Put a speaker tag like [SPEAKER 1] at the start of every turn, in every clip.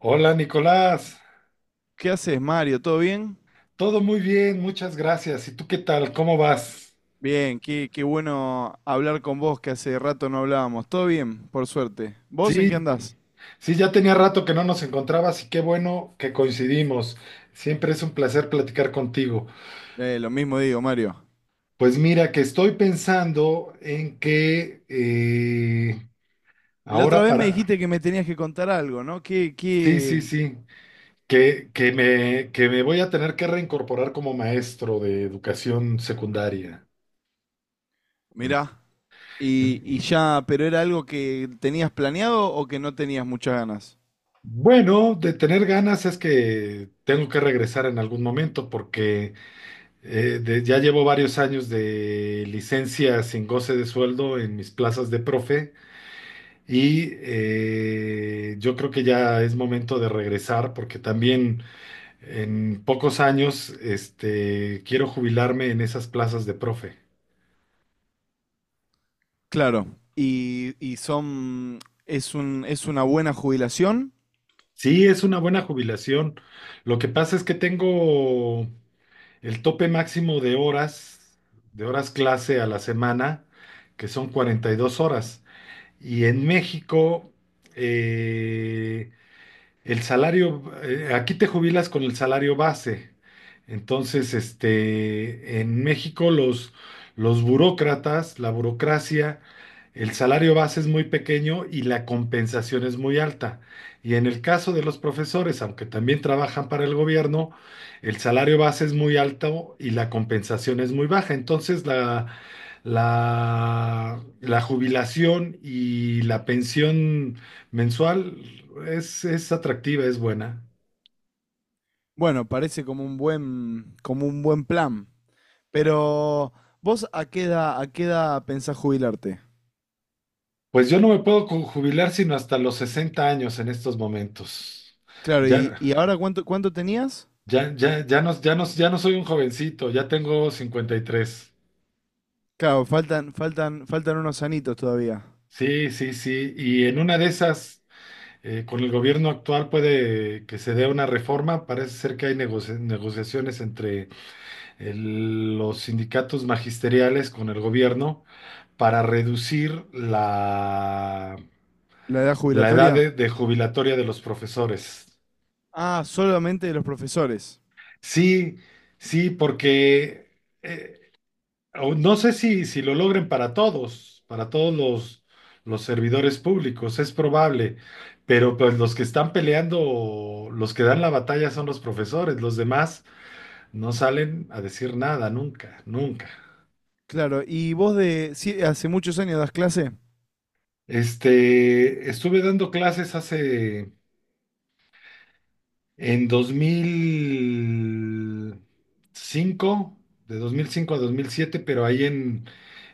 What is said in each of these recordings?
[SPEAKER 1] Hola Nicolás,
[SPEAKER 2] ¿Qué haces, Mario? ¿Todo bien?
[SPEAKER 1] todo muy bien, muchas gracias. ¿Y tú qué tal? ¿Cómo vas?
[SPEAKER 2] Bien, qué bueno hablar con vos, que hace rato no hablábamos. ¿Todo bien? Por suerte. ¿Vos en
[SPEAKER 1] Sí,
[SPEAKER 2] qué andás?
[SPEAKER 1] sí, ya tenía rato que no nos encontrabas y qué bueno que coincidimos. Siempre es un placer platicar contigo.
[SPEAKER 2] Lo mismo digo, Mario.
[SPEAKER 1] Pues mira, que estoy pensando en que
[SPEAKER 2] La otra
[SPEAKER 1] ahora
[SPEAKER 2] vez me
[SPEAKER 1] para...
[SPEAKER 2] dijiste que me tenías que contar algo, ¿no? ¿Qué,
[SPEAKER 1] Sí, sí,
[SPEAKER 2] qué?
[SPEAKER 1] sí, que me voy a tener que reincorporar como maestro de educación secundaria.
[SPEAKER 2] Mirá. Y ya, pero era algo que tenías planeado o que no tenías muchas ganas.
[SPEAKER 1] Bueno, de tener ganas es que tengo que regresar en algún momento porque ya llevo varios años de licencia sin goce de sueldo en mis plazas de profe y yo creo que ya es momento de regresar porque también en pocos años este, quiero jubilarme en esas plazas de profe.
[SPEAKER 2] Claro. Y es una buena jubilación.
[SPEAKER 1] Sí, es una buena jubilación. Lo que pasa es que tengo el tope máximo de horas clase a la semana, que son 42 horas. Y en México, eh, el salario, aquí te jubilas con el salario base. Entonces, este, en México los burócratas, la burocracia, el salario base es muy pequeño y la compensación es muy alta. Y en el caso de los profesores, aunque también trabajan para el gobierno, el salario base es muy alto y la compensación es muy baja. Entonces, la jubilación y la pensión mensual es atractiva, es buena.
[SPEAKER 2] Bueno, parece como un buen, plan. Pero, ¿vos a qué edad pensás jubilarte?
[SPEAKER 1] Pues yo no me puedo co- jubilar sino hasta los 60 años en estos momentos.
[SPEAKER 2] Claro, y,
[SPEAKER 1] Ya,
[SPEAKER 2] y ahora cuánto tenías?
[SPEAKER 1] ya no, ya no, ya no soy un jovencito, ya tengo 53.
[SPEAKER 2] Claro, faltan unos anitos todavía.
[SPEAKER 1] Sí, sí, sí. Y en una de esas, con el gobierno actual puede que se dé una reforma. Parece ser que hay negociaciones entre los sindicatos magisteriales con el gobierno para reducir la
[SPEAKER 2] ¿La edad
[SPEAKER 1] la edad
[SPEAKER 2] jubilatoria?
[SPEAKER 1] de jubilatoria de los profesores.
[SPEAKER 2] Ah, solamente de los profesores.
[SPEAKER 1] Sí, sí, porque eh, o no sé si, si lo logren para todos, para los servidores públicos, es probable, pero pues los que están peleando, los que dan la batalla son los profesores, los demás no salen a decir nada, nunca, nunca.
[SPEAKER 2] Claro, y vos de, sí, hace muchos años das clase.
[SPEAKER 1] Este, estuve dando clases hace en 2005, de 2005 a 2007, pero ahí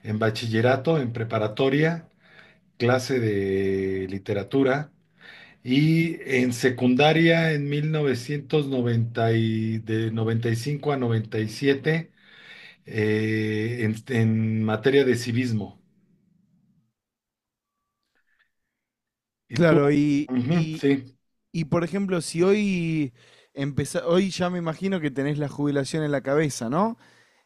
[SPEAKER 1] en bachillerato, en preparatoria, clase de literatura. Y en secundaria, en 1995 de 95 a 97, en materia de civismo. ¿Y tú?
[SPEAKER 2] Claro,
[SPEAKER 1] Ujú, sí.
[SPEAKER 2] y por ejemplo, si hoy hoy ya me imagino que tenés la jubilación en la cabeza, ¿no?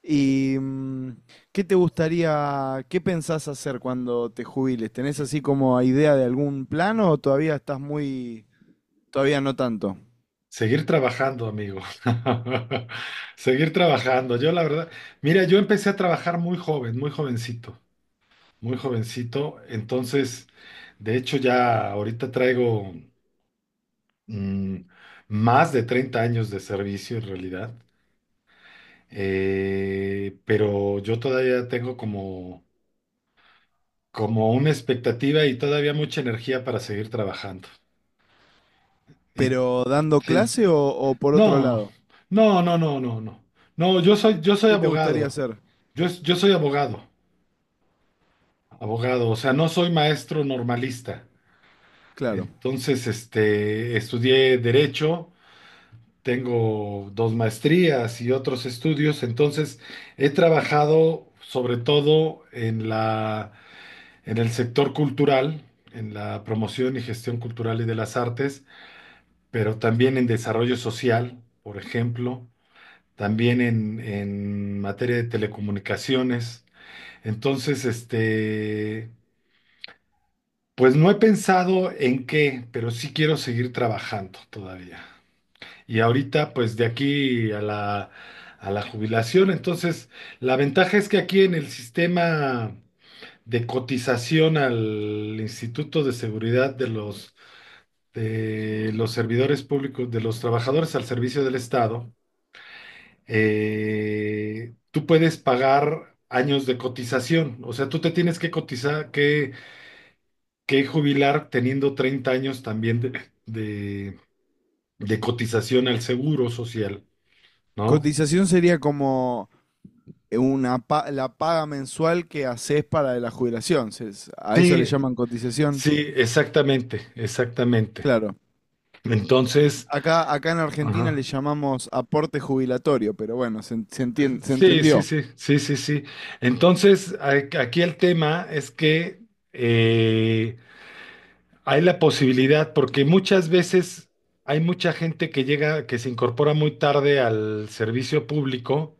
[SPEAKER 2] ¿Y qué te gustaría, qué pensás hacer cuando te jubiles? ¿Tenés así como idea de algún plano o todavía estás muy, todavía no tanto?
[SPEAKER 1] Seguir trabajando, amigo. Seguir trabajando. Yo la verdad, mira, yo empecé a trabajar muy joven, muy jovencito, muy jovencito. Entonces, de hecho, ya ahorita traigo mm, más de 30 años de servicio en realidad. Pero yo todavía tengo como, como una expectativa y todavía mucha energía para seguir trabajando. Y
[SPEAKER 2] ¿Pero dando
[SPEAKER 1] sí.
[SPEAKER 2] clase o por otro
[SPEAKER 1] No,
[SPEAKER 2] lado?
[SPEAKER 1] no, no, no, no, no. No,
[SPEAKER 2] ¿Qué,
[SPEAKER 1] yo soy
[SPEAKER 2] qué te gustaría
[SPEAKER 1] abogado.
[SPEAKER 2] hacer?
[SPEAKER 1] Yo soy abogado. Abogado, o sea, no soy maestro normalista.
[SPEAKER 2] Claro.
[SPEAKER 1] Entonces, este, estudié derecho, tengo 2 maestrías y otros estudios. Entonces, he trabajado sobre todo en en el sector cultural, en la promoción y gestión cultural y de las artes, pero también en desarrollo social, por ejemplo. También en materia de telecomunicaciones. Entonces, este, pues no he pensado en qué, pero sí quiero seguir trabajando todavía. Y ahorita, pues de aquí a a la jubilación, entonces, la ventaja es que aquí en el sistema de cotización al Instituto de Seguridad de de los servidores públicos, de los trabajadores al servicio del Estado, tú puedes pagar años de cotización. O sea, tú te tienes que cotizar, que jubilar teniendo 30 años también de cotización al seguro social, ¿no?
[SPEAKER 2] Cotización sería como la paga mensual que haces para la jubilación. A eso le
[SPEAKER 1] Sí,
[SPEAKER 2] llaman cotización.
[SPEAKER 1] sí, exactamente, exactamente.
[SPEAKER 2] Claro.
[SPEAKER 1] Entonces,
[SPEAKER 2] Acá en Argentina le
[SPEAKER 1] ajá.
[SPEAKER 2] llamamos aporte jubilatorio, pero bueno, se, en- se entien- se
[SPEAKER 1] Sí, sí,
[SPEAKER 2] entendió,
[SPEAKER 1] sí, sí, sí, sí. Entonces, aquí el tema es que eh, hay la posibilidad, porque muchas veces hay mucha gente que llega, que se incorpora muy tarde al servicio público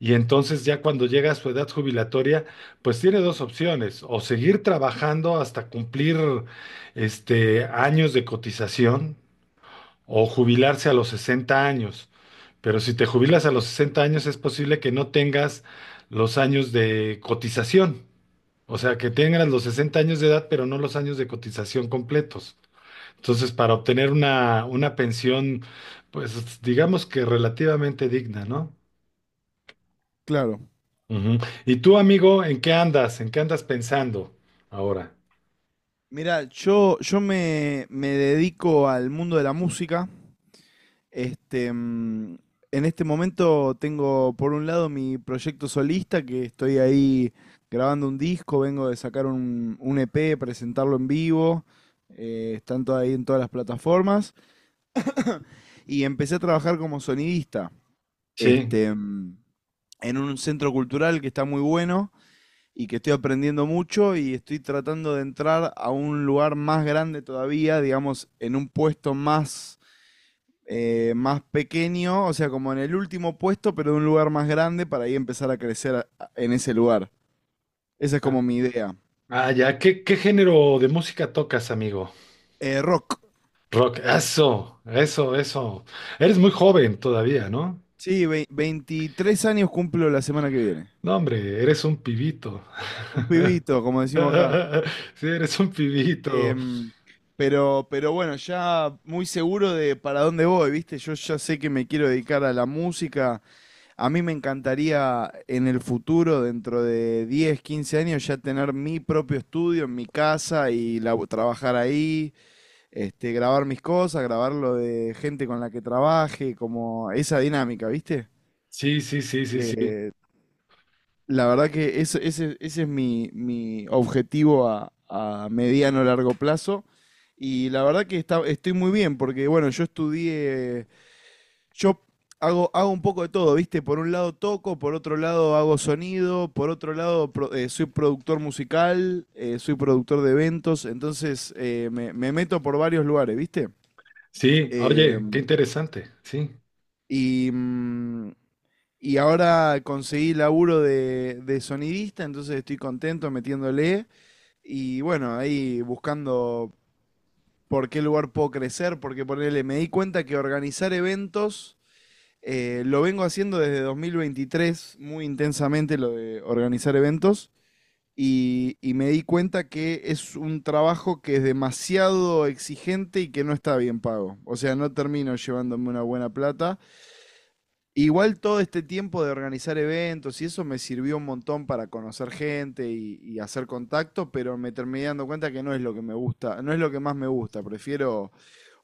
[SPEAKER 1] y entonces ya cuando llega a su edad jubilatoria, pues tiene dos opciones, o seguir trabajando hasta cumplir este, años de cotización o jubilarse a los 60 años. Pero si te jubilas a los 60 años es posible que no tengas los años de cotización, o sea, que tengas los 60 años de edad, pero no los años de cotización completos. Entonces, para obtener una pensión, pues digamos que relativamente digna, ¿no?
[SPEAKER 2] claro.
[SPEAKER 1] Ujú. ¿Y tú, amigo, en qué andas? ¿En qué andas pensando ahora?
[SPEAKER 2] Mira, yo me dedico al mundo de la música. Este, mm, en este momento tengo por un lado mi proyecto solista, que estoy ahí grabando un disco, vengo de sacar un EP, presentarlo en vivo. Están todo ahí en todas las plataformas. Y empecé a trabajar como sonidista,
[SPEAKER 1] Sí.
[SPEAKER 2] este, mm, en un centro cultural que está muy bueno y que estoy aprendiendo mucho y estoy tratando de entrar a un lugar más grande todavía, digamos, en un puesto más, más pequeño, o sea, como en el último puesto, pero en un lugar más grande para ahí empezar a crecer en ese lugar. Esa es
[SPEAKER 1] Ah,
[SPEAKER 2] como mi idea.
[SPEAKER 1] ah, ya. ¿Qué, qué género de música tocas, amigo?
[SPEAKER 2] Rock.
[SPEAKER 1] Rock. Eso, eso, eso. Eres muy joven todavía, ¿no?
[SPEAKER 2] Sí, 23 años cumplo la semana que viene.
[SPEAKER 1] No, hombre, eres un pibito.
[SPEAKER 2] Un pibito, como decimos acá.
[SPEAKER 1] Sí, eres un
[SPEAKER 2] Este,
[SPEAKER 1] pibito.
[SPEAKER 2] mm, pero bueno, ya muy seguro de para dónde voy, ¿viste? Yo ya sé que me quiero dedicar a la música. A mí me encantaría en el futuro, dentro de 10, 15 años, ya tener mi propio estudio en mi casa y trabajar ahí, grabar mis cosas, grabar lo de gente con la que trabaje, como esa dinámica, ¿viste?
[SPEAKER 1] Sí, sí, sí, sí, sí.
[SPEAKER 2] Eh, la verdad que ese es mi objetivo a mediano largo plazo. Y la verdad que estoy muy bien, porque bueno, yo hago un poco de todo, ¿viste? Por un lado toco, por otro lado hago sonido, por otro lado soy productor musical, soy productor de eventos, entonces me meto por varios lugares, ¿viste?
[SPEAKER 1] Sí,
[SPEAKER 2] Eh,
[SPEAKER 1] oye, qué interesante. Sí.
[SPEAKER 2] y, mm, y ahora conseguí laburo de sonidista, entonces estoy contento metiéndole y bueno, ahí buscando por qué lugar puedo crecer, porque ponele, me di cuenta que organizar eventos. Lo vengo haciendo desde 2023 muy intensamente lo de organizar eventos y me di cuenta que es un trabajo que es demasiado exigente y que no está bien pago. O sea, no termino llevándome una buena plata. Igual todo este tiempo de organizar eventos y eso me sirvió un montón para conocer gente y hacer contacto, pero me terminé dando cuenta que no es lo que me gusta, no es lo que más me gusta. Prefiero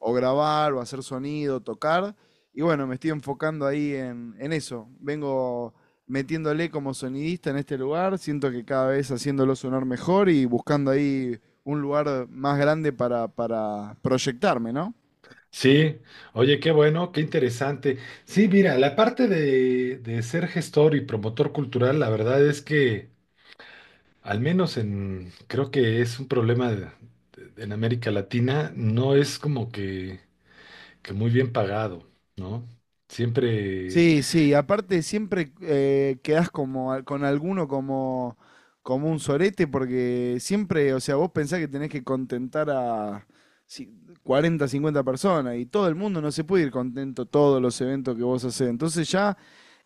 [SPEAKER 2] o grabar o hacer sonido, tocar. Y bueno, me estoy enfocando ahí en eso. Vengo metiéndole como sonidista en este lugar. Siento que cada vez haciéndolo sonar mejor y buscando ahí un lugar más grande para proyectarme, ¿no?
[SPEAKER 1] Sí, oye, qué bueno, qué interesante. Sí, mira, la parte de ser gestor y promotor cultural, la verdad es que, al menos en, creo que es un problema en América Latina, no es como que muy bien pagado, ¿no? Siempre,
[SPEAKER 2] Sí, sí, aparte siempre quedás como, con alguno como un sorete, porque siempre, o sea, vos pensás que tenés que contentar a ci- 40, 50 personas y todo el mundo no se puede ir contento a todos los eventos que vos hacés. Entonces ya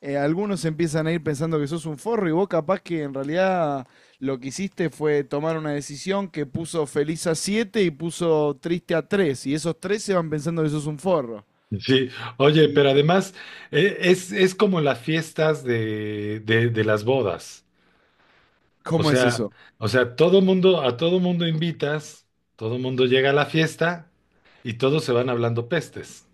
[SPEAKER 2] algunos empiezan a ir pensando que sos un forro y vos capaz que en realidad lo que hiciste fue tomar una decisión que puso feliz a 7 y puso triste a 3 y esos tres se van pensando que sos un forro.
[SPEAKER 1] sí, oye,
[SPEAKER 2] ¿Y
[SPEAKER 1] pero además es como las fiestas de de las bodas. O
[SPEAKER 2] cómo es
[SPEAKER 1] sea,
[SPEAKER 2] eso?
[SPEAKER 1] o sea, todo mundo, a todo mundo invitas, todo mundo llega a la fiesta y todos se van hablando pestes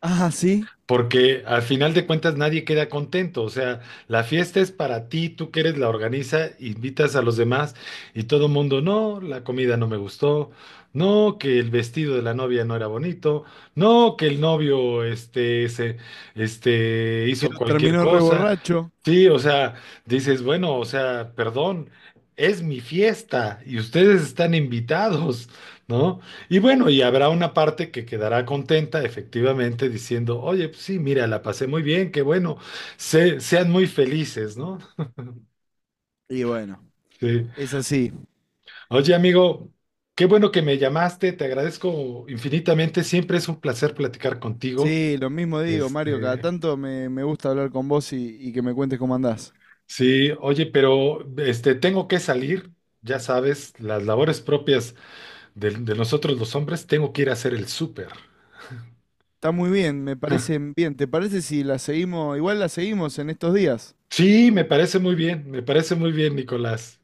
[SPEAKER 2] Ah, sí.
[SPEAKER 1] porque al final de cuentas nadie queda contento, o sea, la fiesta es para ti, tú que eres la organiza, invitas a los demás y todo el mundo, no, la comida no me gustó, no, que el vestido de la novia no era bonito, no, que el novio este,
[SPEAKER 2] Que
[SPEAKER 1] hizo
[SPEAKER 2] lo
[SPEAKER 1] cualquier
[SPEAKER 2] terminó
[SPEAKER 1] cosa.
[SPEAKER 2] reborracho.
[SPEAKER 1] Sí, o sea, dices, bueno, o sea, perdón, es mi fiesta y ustedes están invitados, ¿no? Y bueno, y habrá una parte que quedará contenta, efectivamente, diciendo, oye, pues sí, mira, la pasé muy bien, qué bueno, se- sean muy felices, ¿no?
[SPEAKER 2] Y bueno,
[SPEAKER 1] Sí.
[SPEAKER 2] es así.
[SPEAKER 1] Oye, amigo, qué bueno que me llamaste, te agradezco infinitamente, siempre es un placer platicar contigo.
[SPEAKER 2] Sí, lo mismo digo, Mario. Cada
[SPEAKER 1] Este,
[SPEAKER 2] tanto me gusta hablar con vos y que me cuentes cómo andás.
[SPEAKER 1] sí, oye, pero este, tengo que salir, ya sabes, las labores propias de nosotros los hombres, tengo que ir a hacer el súper.
[SPEAKER 2] Está muy bien, me parece bien. ¿Te parece si la seguimos? Igual la seguimos en estos días.
[SPEAKER 1] Sí, me parece muy bien, me parece muy bien, Nicolás.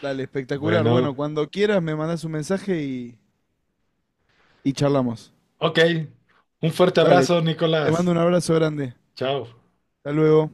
[SPEAKER 2] Dale, espectacular. Bueno,
[SPEAKER 1] Bueno.
[SPEAKER 2] cuando quieras me mandás un mensaje y charlamos.
[SPEAKER 1] Ok, un fuerte
[SPEAKER 2] Dale,
[SPEAKER 1] abrazo,
[SPEAKER 2] te
[SPEAKER 1] Nicolás.
[SPEAKER 2] mando un abrazo grande.
[SPEAKER 1] Chao.
[SPEAKER 2] Hasta luego.